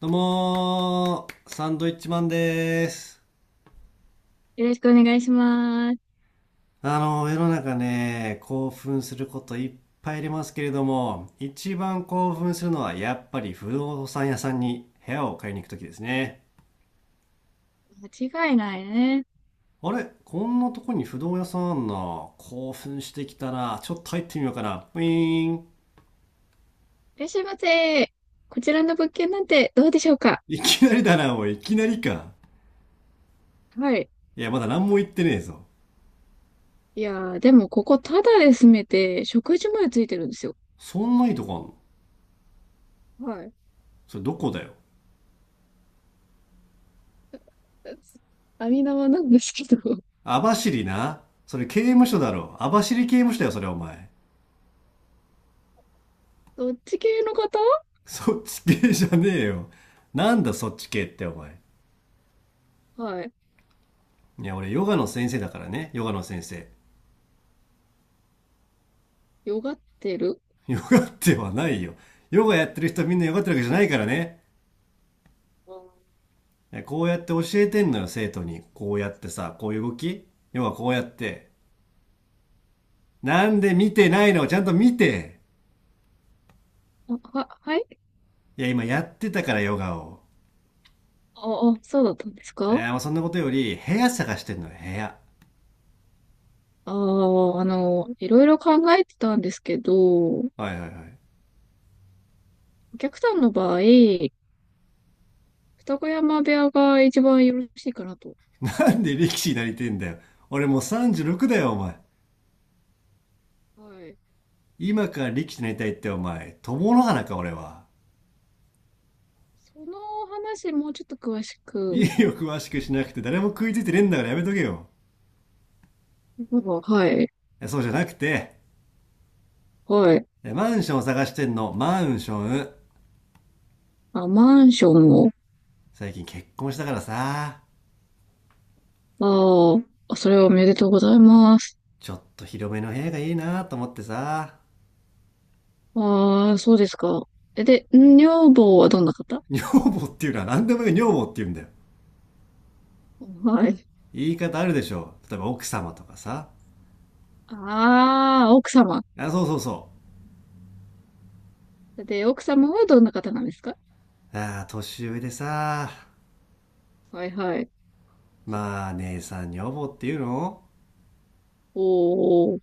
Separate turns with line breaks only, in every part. どうもー、サンドイッチマンでーす。
よろしくお願いします。
世の中ね、興奮することいっぱいありますけれども、一番興
うん、
奮するのはやっぱり不動産屋さんに部屋を買いに行くときですね。
間違いないね。
あれこんなとこに不動屋さんあんな。興奮してきたな。ちょっと入ってみようかな。ウィーン。
いらっしゃいませ。こちらの物件なんてどうでしょうか？
いきなりだな、おい。いきなりか。
はい。
いや、まだ何も言ってねえぞ。
いやー、でもここタダで住めて、食事までついてるんですよ。
そんないいとこあんの？
はい。
それどこだよ。
網縄なんですけど。
網走な。それ刑務所だろ。網走刑務所だよ、それお前。
どっち系の方？
そっち系じゃねえよ。なんだそっち系ってお前。
はい。
いや、俺ヨガの先生だからね。ヨガの先生。
よがってる？
ヨガってはないよ。ヨガやってる人みんなヨガってるわけじゃないからね。
あ、
こうやって教えてんのよ、生徒に。こうやってさ、こういう動き、ヨガこうやって。なんで見てないの？ちゃんと見て。
はい。
いや、今やってたからヨガを。
そうだったんです
い
か？
や、もうそんなことより、部屋探してんのよ、部屋。
ああー、いろいろ考えてたんですけど、お
はいはいはい。
客さんの場合、二子山部屋が一番よろしいかなと。
なんで力士になりてんだよ。俺もう36だよ、お前。
はい。
今から力士になりたいってお前、友の花か俺は。
その話、もうちょっと詳し
い
く。
いよ、詳しくしなくて。誰も食いついてねえんだからやめとけよ。
はい。
そうじゃなくて、
はい。
マンションを探してんの、マンション。
あ、マンションを。
最近結婚したからさ、
ああ、それはおめでとうございます。
ちょっと広めの部屋がいいなと思ってさ。
ああ、そうですか。え、で、女房はどんな方？
女房っていうのは何でもいい女房って言うんだよ。
はい。
言い方あるでしょ。例えば奥様とかさ。
ああ、奥様。
あ、そうそうそ
で、奥様はどんな方なんですか？
う。ああ、年上でさ、
はいはい。
まあ姉さん女房っていうの、
おー。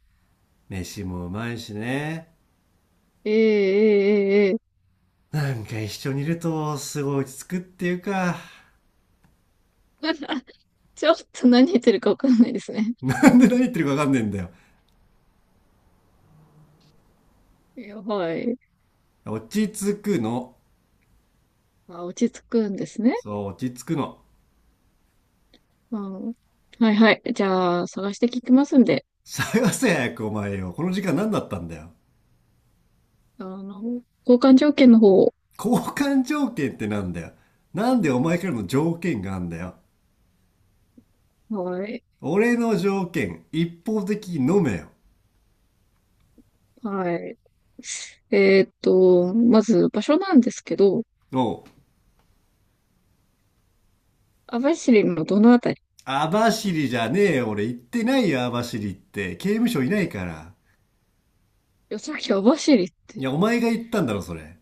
飯もうまいしね。
ええええええ。
なんか一緒にいるとすごい落ち着くっていうか、
ちょっと何言ってるかわかんないですね。
なんで何言ってるかわかんねえんだよ。
いや、はい。
落ち着くの。
あ、落ち着くんですね。
そう、落ち着くの。
うん、はいはい。じゃあ、探して聞きますんで。
探せ早くお前よ。この時間何だったんだよ。
あの、交換条件の方、
交換条件ってなんだよ。なんでお前からの条件があんだよ。
はい、
俺の条件、一方的に飲めよ。
はい。まず場所なんですけど、
おう。
網走のどのあたり？
網走じゃねえよ。俺行ってないよ、網走って。刑務所いないから。
いや、さっき網走っ
いや、
て。
お前が行ったんだろ、それ。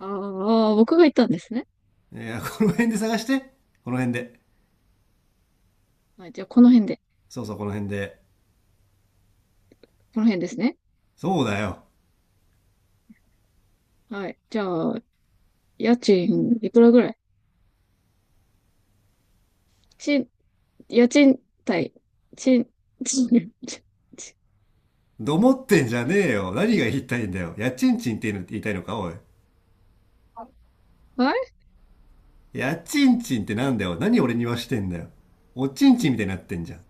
ああ、僕が言ったんですね。
いや、この辺で探して。この辺で。
はい、じゃあこの辺で。
そう、この辺で。
この辺ですね。
そうだよ。
はい、じゃあ、家賃いくらぐらい？ち、家賃対、ち、ち、ち、ち
どもってんじゃねえよ。何が言いたいんだよ。やちんちんって言いたいのか、おい。
はい。
やちんちんってなんだよ。何俺にはしてんだよ。おちんちんみたいになってんじゃん。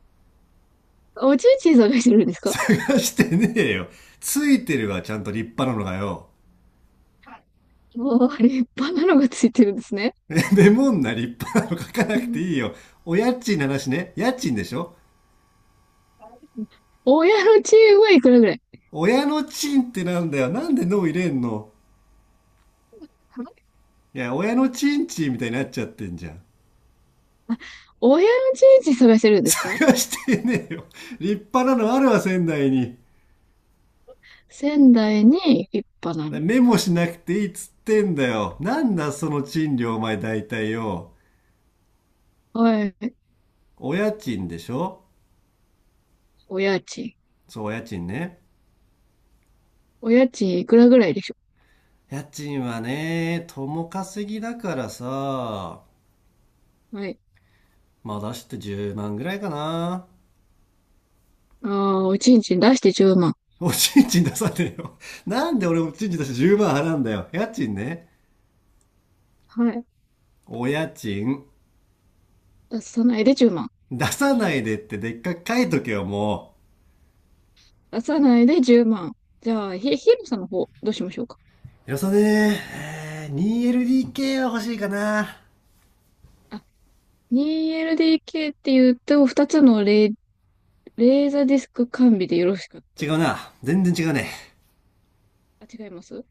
おちんちん探してるんですか？
探してねえよ。ついてるわ、ちゃんと立派なのがよ。
もう、立派なのがついてるんですね。
メモんな、立派なの書かな
う
くて
ん。
いいよ。お家賃の話ね。家賃でしょ？
親のチームはいくらぐらい？
親のチンってなんだよ。なんで脳入れんの？いや、親のチンチンみたいになっちゃってんじゃん。
親の人事探してるんですか？
探してねえよ。立派なのあるわ、仙台に。
仙台に一派な
メモしなくていいっつってんだよ。なんだその賃料お前大体よ。
の。はい。
お家賃でしょ？
お家賃。
そう、お家賃ね。
お家賃いくらぐらいでしょ
家賃はね、共稼ぎだからさ、
う？はい。
まあ出して10万ぐらいかな。
ああ、おちんちん出して10万。
おちんちん出さねえよ。なんで俺おちんちん出して10万払うんだよ。家賃ね。
はい。
お家賃。
出さないで10万。
出さないでってでっかく書いとけよ、もう。
出さないで10万。じゃあ、ひろさんの方、どうしましょうか。
よさねえー 2LDK は欲しいかな。
あ、2LDK って言うと、2つのレ、レーザーディスク完備でよろしかった
違
で
う
すか？
な。全然違うね。
あ、違います？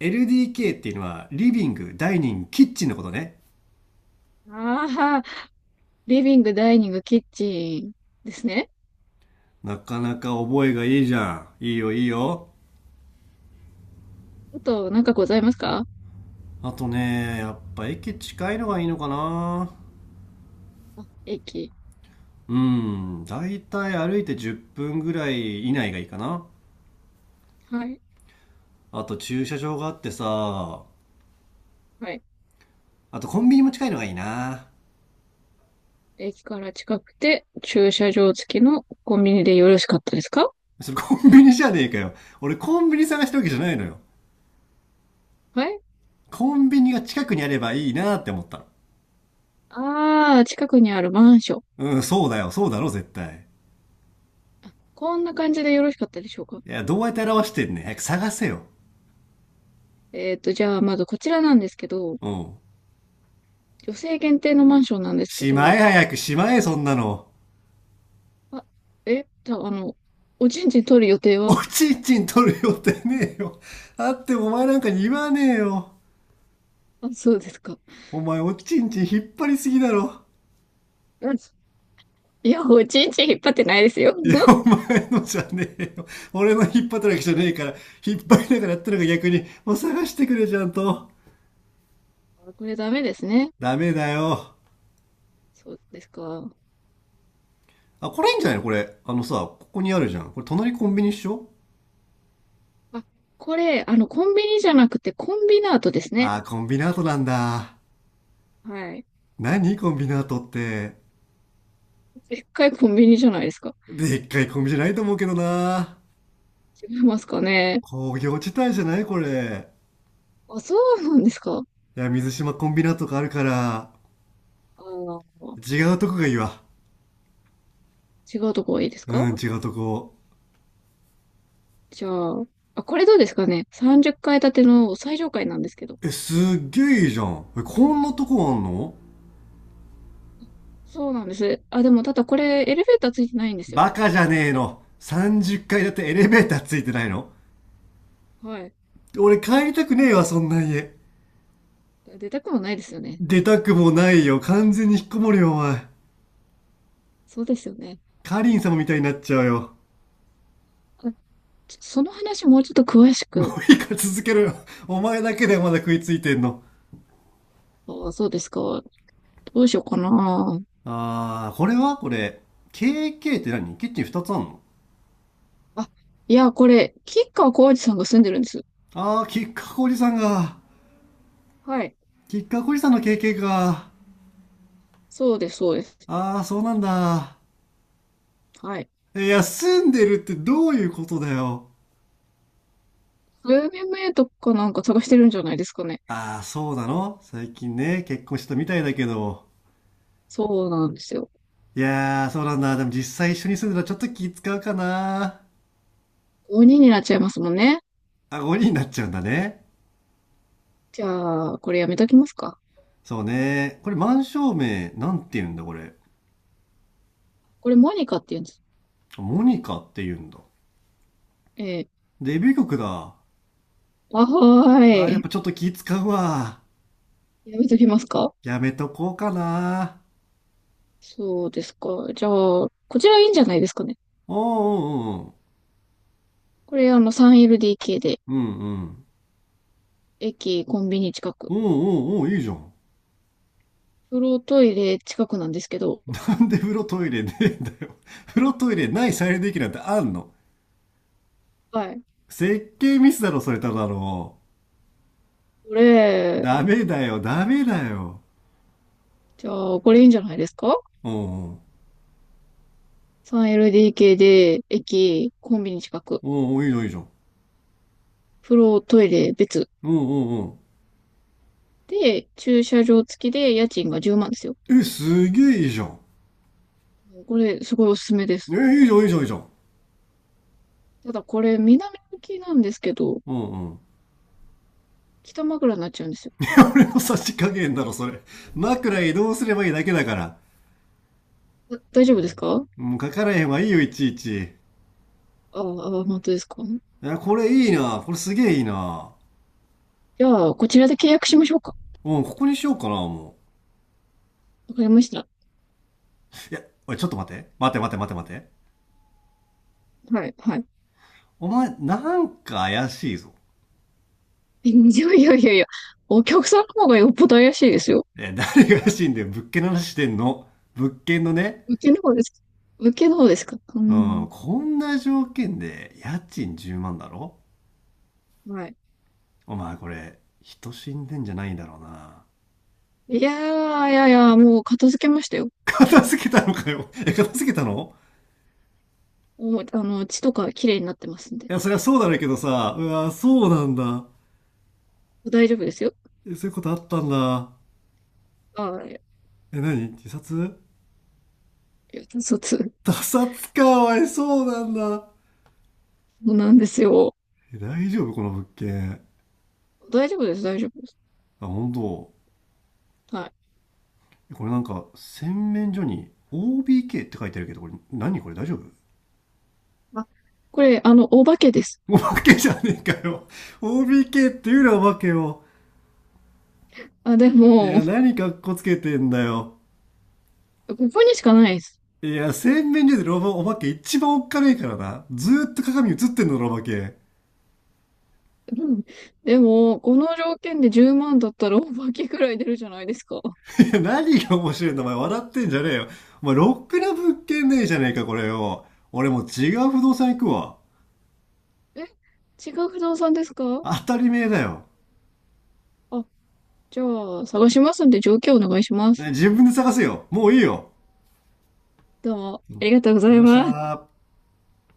LDK っていうのはリビング、ダイニング、キッチンのことね。
ああー、リビング、ダイニング、キッチンですね。
なかなか覚えがいいじゃん。いいよいいよ。
あと、なんかございますか？
あとね、やっぱ駅近いのがいいのかな。
あ、駅。
うん、だいたい歩いて10分ぐらい以内がいいかな。
はい。
あと駐車場があってさ、
はい。
あとコンビニも近いのがいいな。
駅から近くて、駐車場付きのコンビニでよろしかったですか？
それコンビニじゃねえかよ。俺コンビニ探してるわけじゃないのよ。
はい。
コンビニが近くにあればいいなって思ったの。
あー、近くにあるマンション。
うん、そうだよ、そうだろ、絶対。
こんな感じでよろしかったでしょうか？
いや、どうやって表してんねん。早く探せよ。
じゃあ、まずこちらなんですけど、
うん。
女性限定のマンションなんですけ
しま
ど。
え、早くしまえそんなの。
あ、え、た、あの、おちんちん取る予定
お
は？
ちんちん取る予定ねえよ。あってもお前なんかに言わねえよ。
あ、そうですか。
お前おちんちん引っ張りすぎだろ。
うん。いや、おちんちん引っ張ってないですよ。
いや、お前のじゃねえよ。俺の引っ張ったわけじゃねえから、引っ張りながらやったのが逆に、もう探してくれちゃんと。
あ、これダメですね。
ダメだよ。
そうですか。
あ、これいいんじゃないのこれ。あのさ、ここにあるじゃん。これ隣コンビニっしょ？
あ、これ、コンビニじゃなくて、コンビナートですね。
あー、コンビナートなんだ。
はい。
何コンビナートって。
でっかいコンビニじゃないですか。
でっかいコンビじゃないと思うけどな。
違いますかね。
工業地帯じゃないこれ。
あ、そうなんですか。
いや、水島コンビナとかあるから、
あー。
違うとこがいいわ。
違うとこがいいです
う
か？
ん、違うとこ。
じゃあ、あ、これどうですかね。30階建ての最上階なんですけど。
え、すっげえいいじゃん。え、こんなとこあんの？
そうなんです。あ、でもただこれエレベーターついてないんですよ。
バカじゃねえの。30階だってエレベーターついてないの？
はい。
俺帰りたくねえわ、そんな家。
出たくもないですよね。
出たくもないよ。完全に引っこもるよ、お前。
そうですよね。
カリン様みたいになっちゃうよ。
あ、ちょ、その話もうちょっと詳し
も
く。
ういいから続けろよ。お前だけでまだ食いついてんの。
あ、そうですか。どうしようかな。
あー、これはこれ。KK って何？キッチン2つあんの？
あ、いや、これ、吉川晃司さんが住んでるんです。
ああ、きっかこおじさんが、
はい。
きっかこおじさんの経験か。
そうです、そうです。
ああ、そうなんだ。
はい。
いや、住んでるってどういうことだよ。
UMA とかなんか探してるんじゃないですかね。
ああ、そうなの？最近ね、結婚したみたいだけど。
そうなんですよ。
いやー、そうなんだ。でも実際一緒に住んでたらちょっと気使うかな。
5人になっちゃいますもんね。
あ、5人になっちゃうんだね。
じゃあ、これやめときますか。
そうね。これ満照明、なんて言うんだこれ。
これモニカって言うんです。
モニカって言うんだ。
えー、
デビュー曲だ。
あ、は
あー、
ー
やっ
い。
ぱちょっと気使うわ。
やめときますか。
やめとこうかな。
そうですか。じゃあ、こちらいいんじゃないですかね。
おうおうおう。
これあの 3LDK で、
うんうん。
駅、コンビニ近く。
おうおうおう、いいじゃん。
風呂、トイレ近くなんですけど。
なんで風呂トイレねえんだよ。風呂トイレない再利用できるなんてあんの？
はい。
設計ミスだろ、それただの。
これ、
ダメだよ、ダメだよ。
じゃあ、これいいんじゃないですか？
おうおう、
3LDK で、駅、コンビニ近く。
おうおう、いいじゃん、いいじゃん。
風呂、トイレ別。
おうおうお
で、駐車場付きで家賃が10万ですよ。
う。え、すげえいいじゃん。
これ、すごいおすすめで
え、
す。
いいじゃん、いいじゃん、いいじゃん。
ただこれ、南向きなんですけど、
おうおう。
北枕になっちゃうんですよ。
俺の差し加減だろ、それ。枕移動すればいいだけだから。
だ、大丈夫ですか？
もう書かれへんわ、いいよ、いちいち。い
ああ、あ、本当ですか？
や、これいいな。これすげえいいな。
じゃあ、こちらで契約しましょうか。
うん、ここにしようかな、も
わかりました。
う。いや、おい、ちょっと待って。待って。
はい、はい。
お前、なんか怪しいぞ。
いやいやいやいや、お客さんの方がよっぽど怪しいですよ。
え、誰が怪しいんだよ。物件の話してんの。物件のね。
受けの方ですか？受けの方ですか？う
うん、
ん。
こんな条件で家賃10万だろ？
はい。
お前これ、人死んでんじゃないだろうな。
いやー、もう片付けましたよ。
片付けたのかよ。え、片付けたの？
もう、あの、血とか綺麗になってますん
い
で。
や、そりゃそうだろうけどさ。うわ、そうなんだ。
大丈夫ですよ。
え、そういうことあったんだ。
ああ、い
え、何？自殺？
や、
他殺か、おい、そうなんだ。
そうなんですよ。
え、大丈夫この物件。
大丈夫です、大丈夫です。
あ、本当。
はい。
これなんか洗面所に OBK って書いてあるけどこれ何？これ大丈夫？
あ、これ、あの、お化けです。
お化けじゃねえかよ。 OBK っていうなお化けを。
あ、で
い
も、
や何かっこつけてんだよ。
ここにしかないです。
いや洗面所でロボお化け一番おっかねえからな。ずーっと鏡映ってんのロお化け。
うん。でも、この条件で10万だったらお化けくらい出るじゃないですか。
いや何が面白いんだお前、笑ってんじゃねえよ。お前ロックな物件ねえじゃねえかこれよ。俺もう違う不動産行くわ。
え、違う不動産ですか？
当たり前だよ。
あ、じゃあ、探しますんで条件お願いしま
ね、
す。
自分で探せよ、もういいよ。
どうも、ありが
ありがとうござ
とうござ
い
い
まし
ます。
た。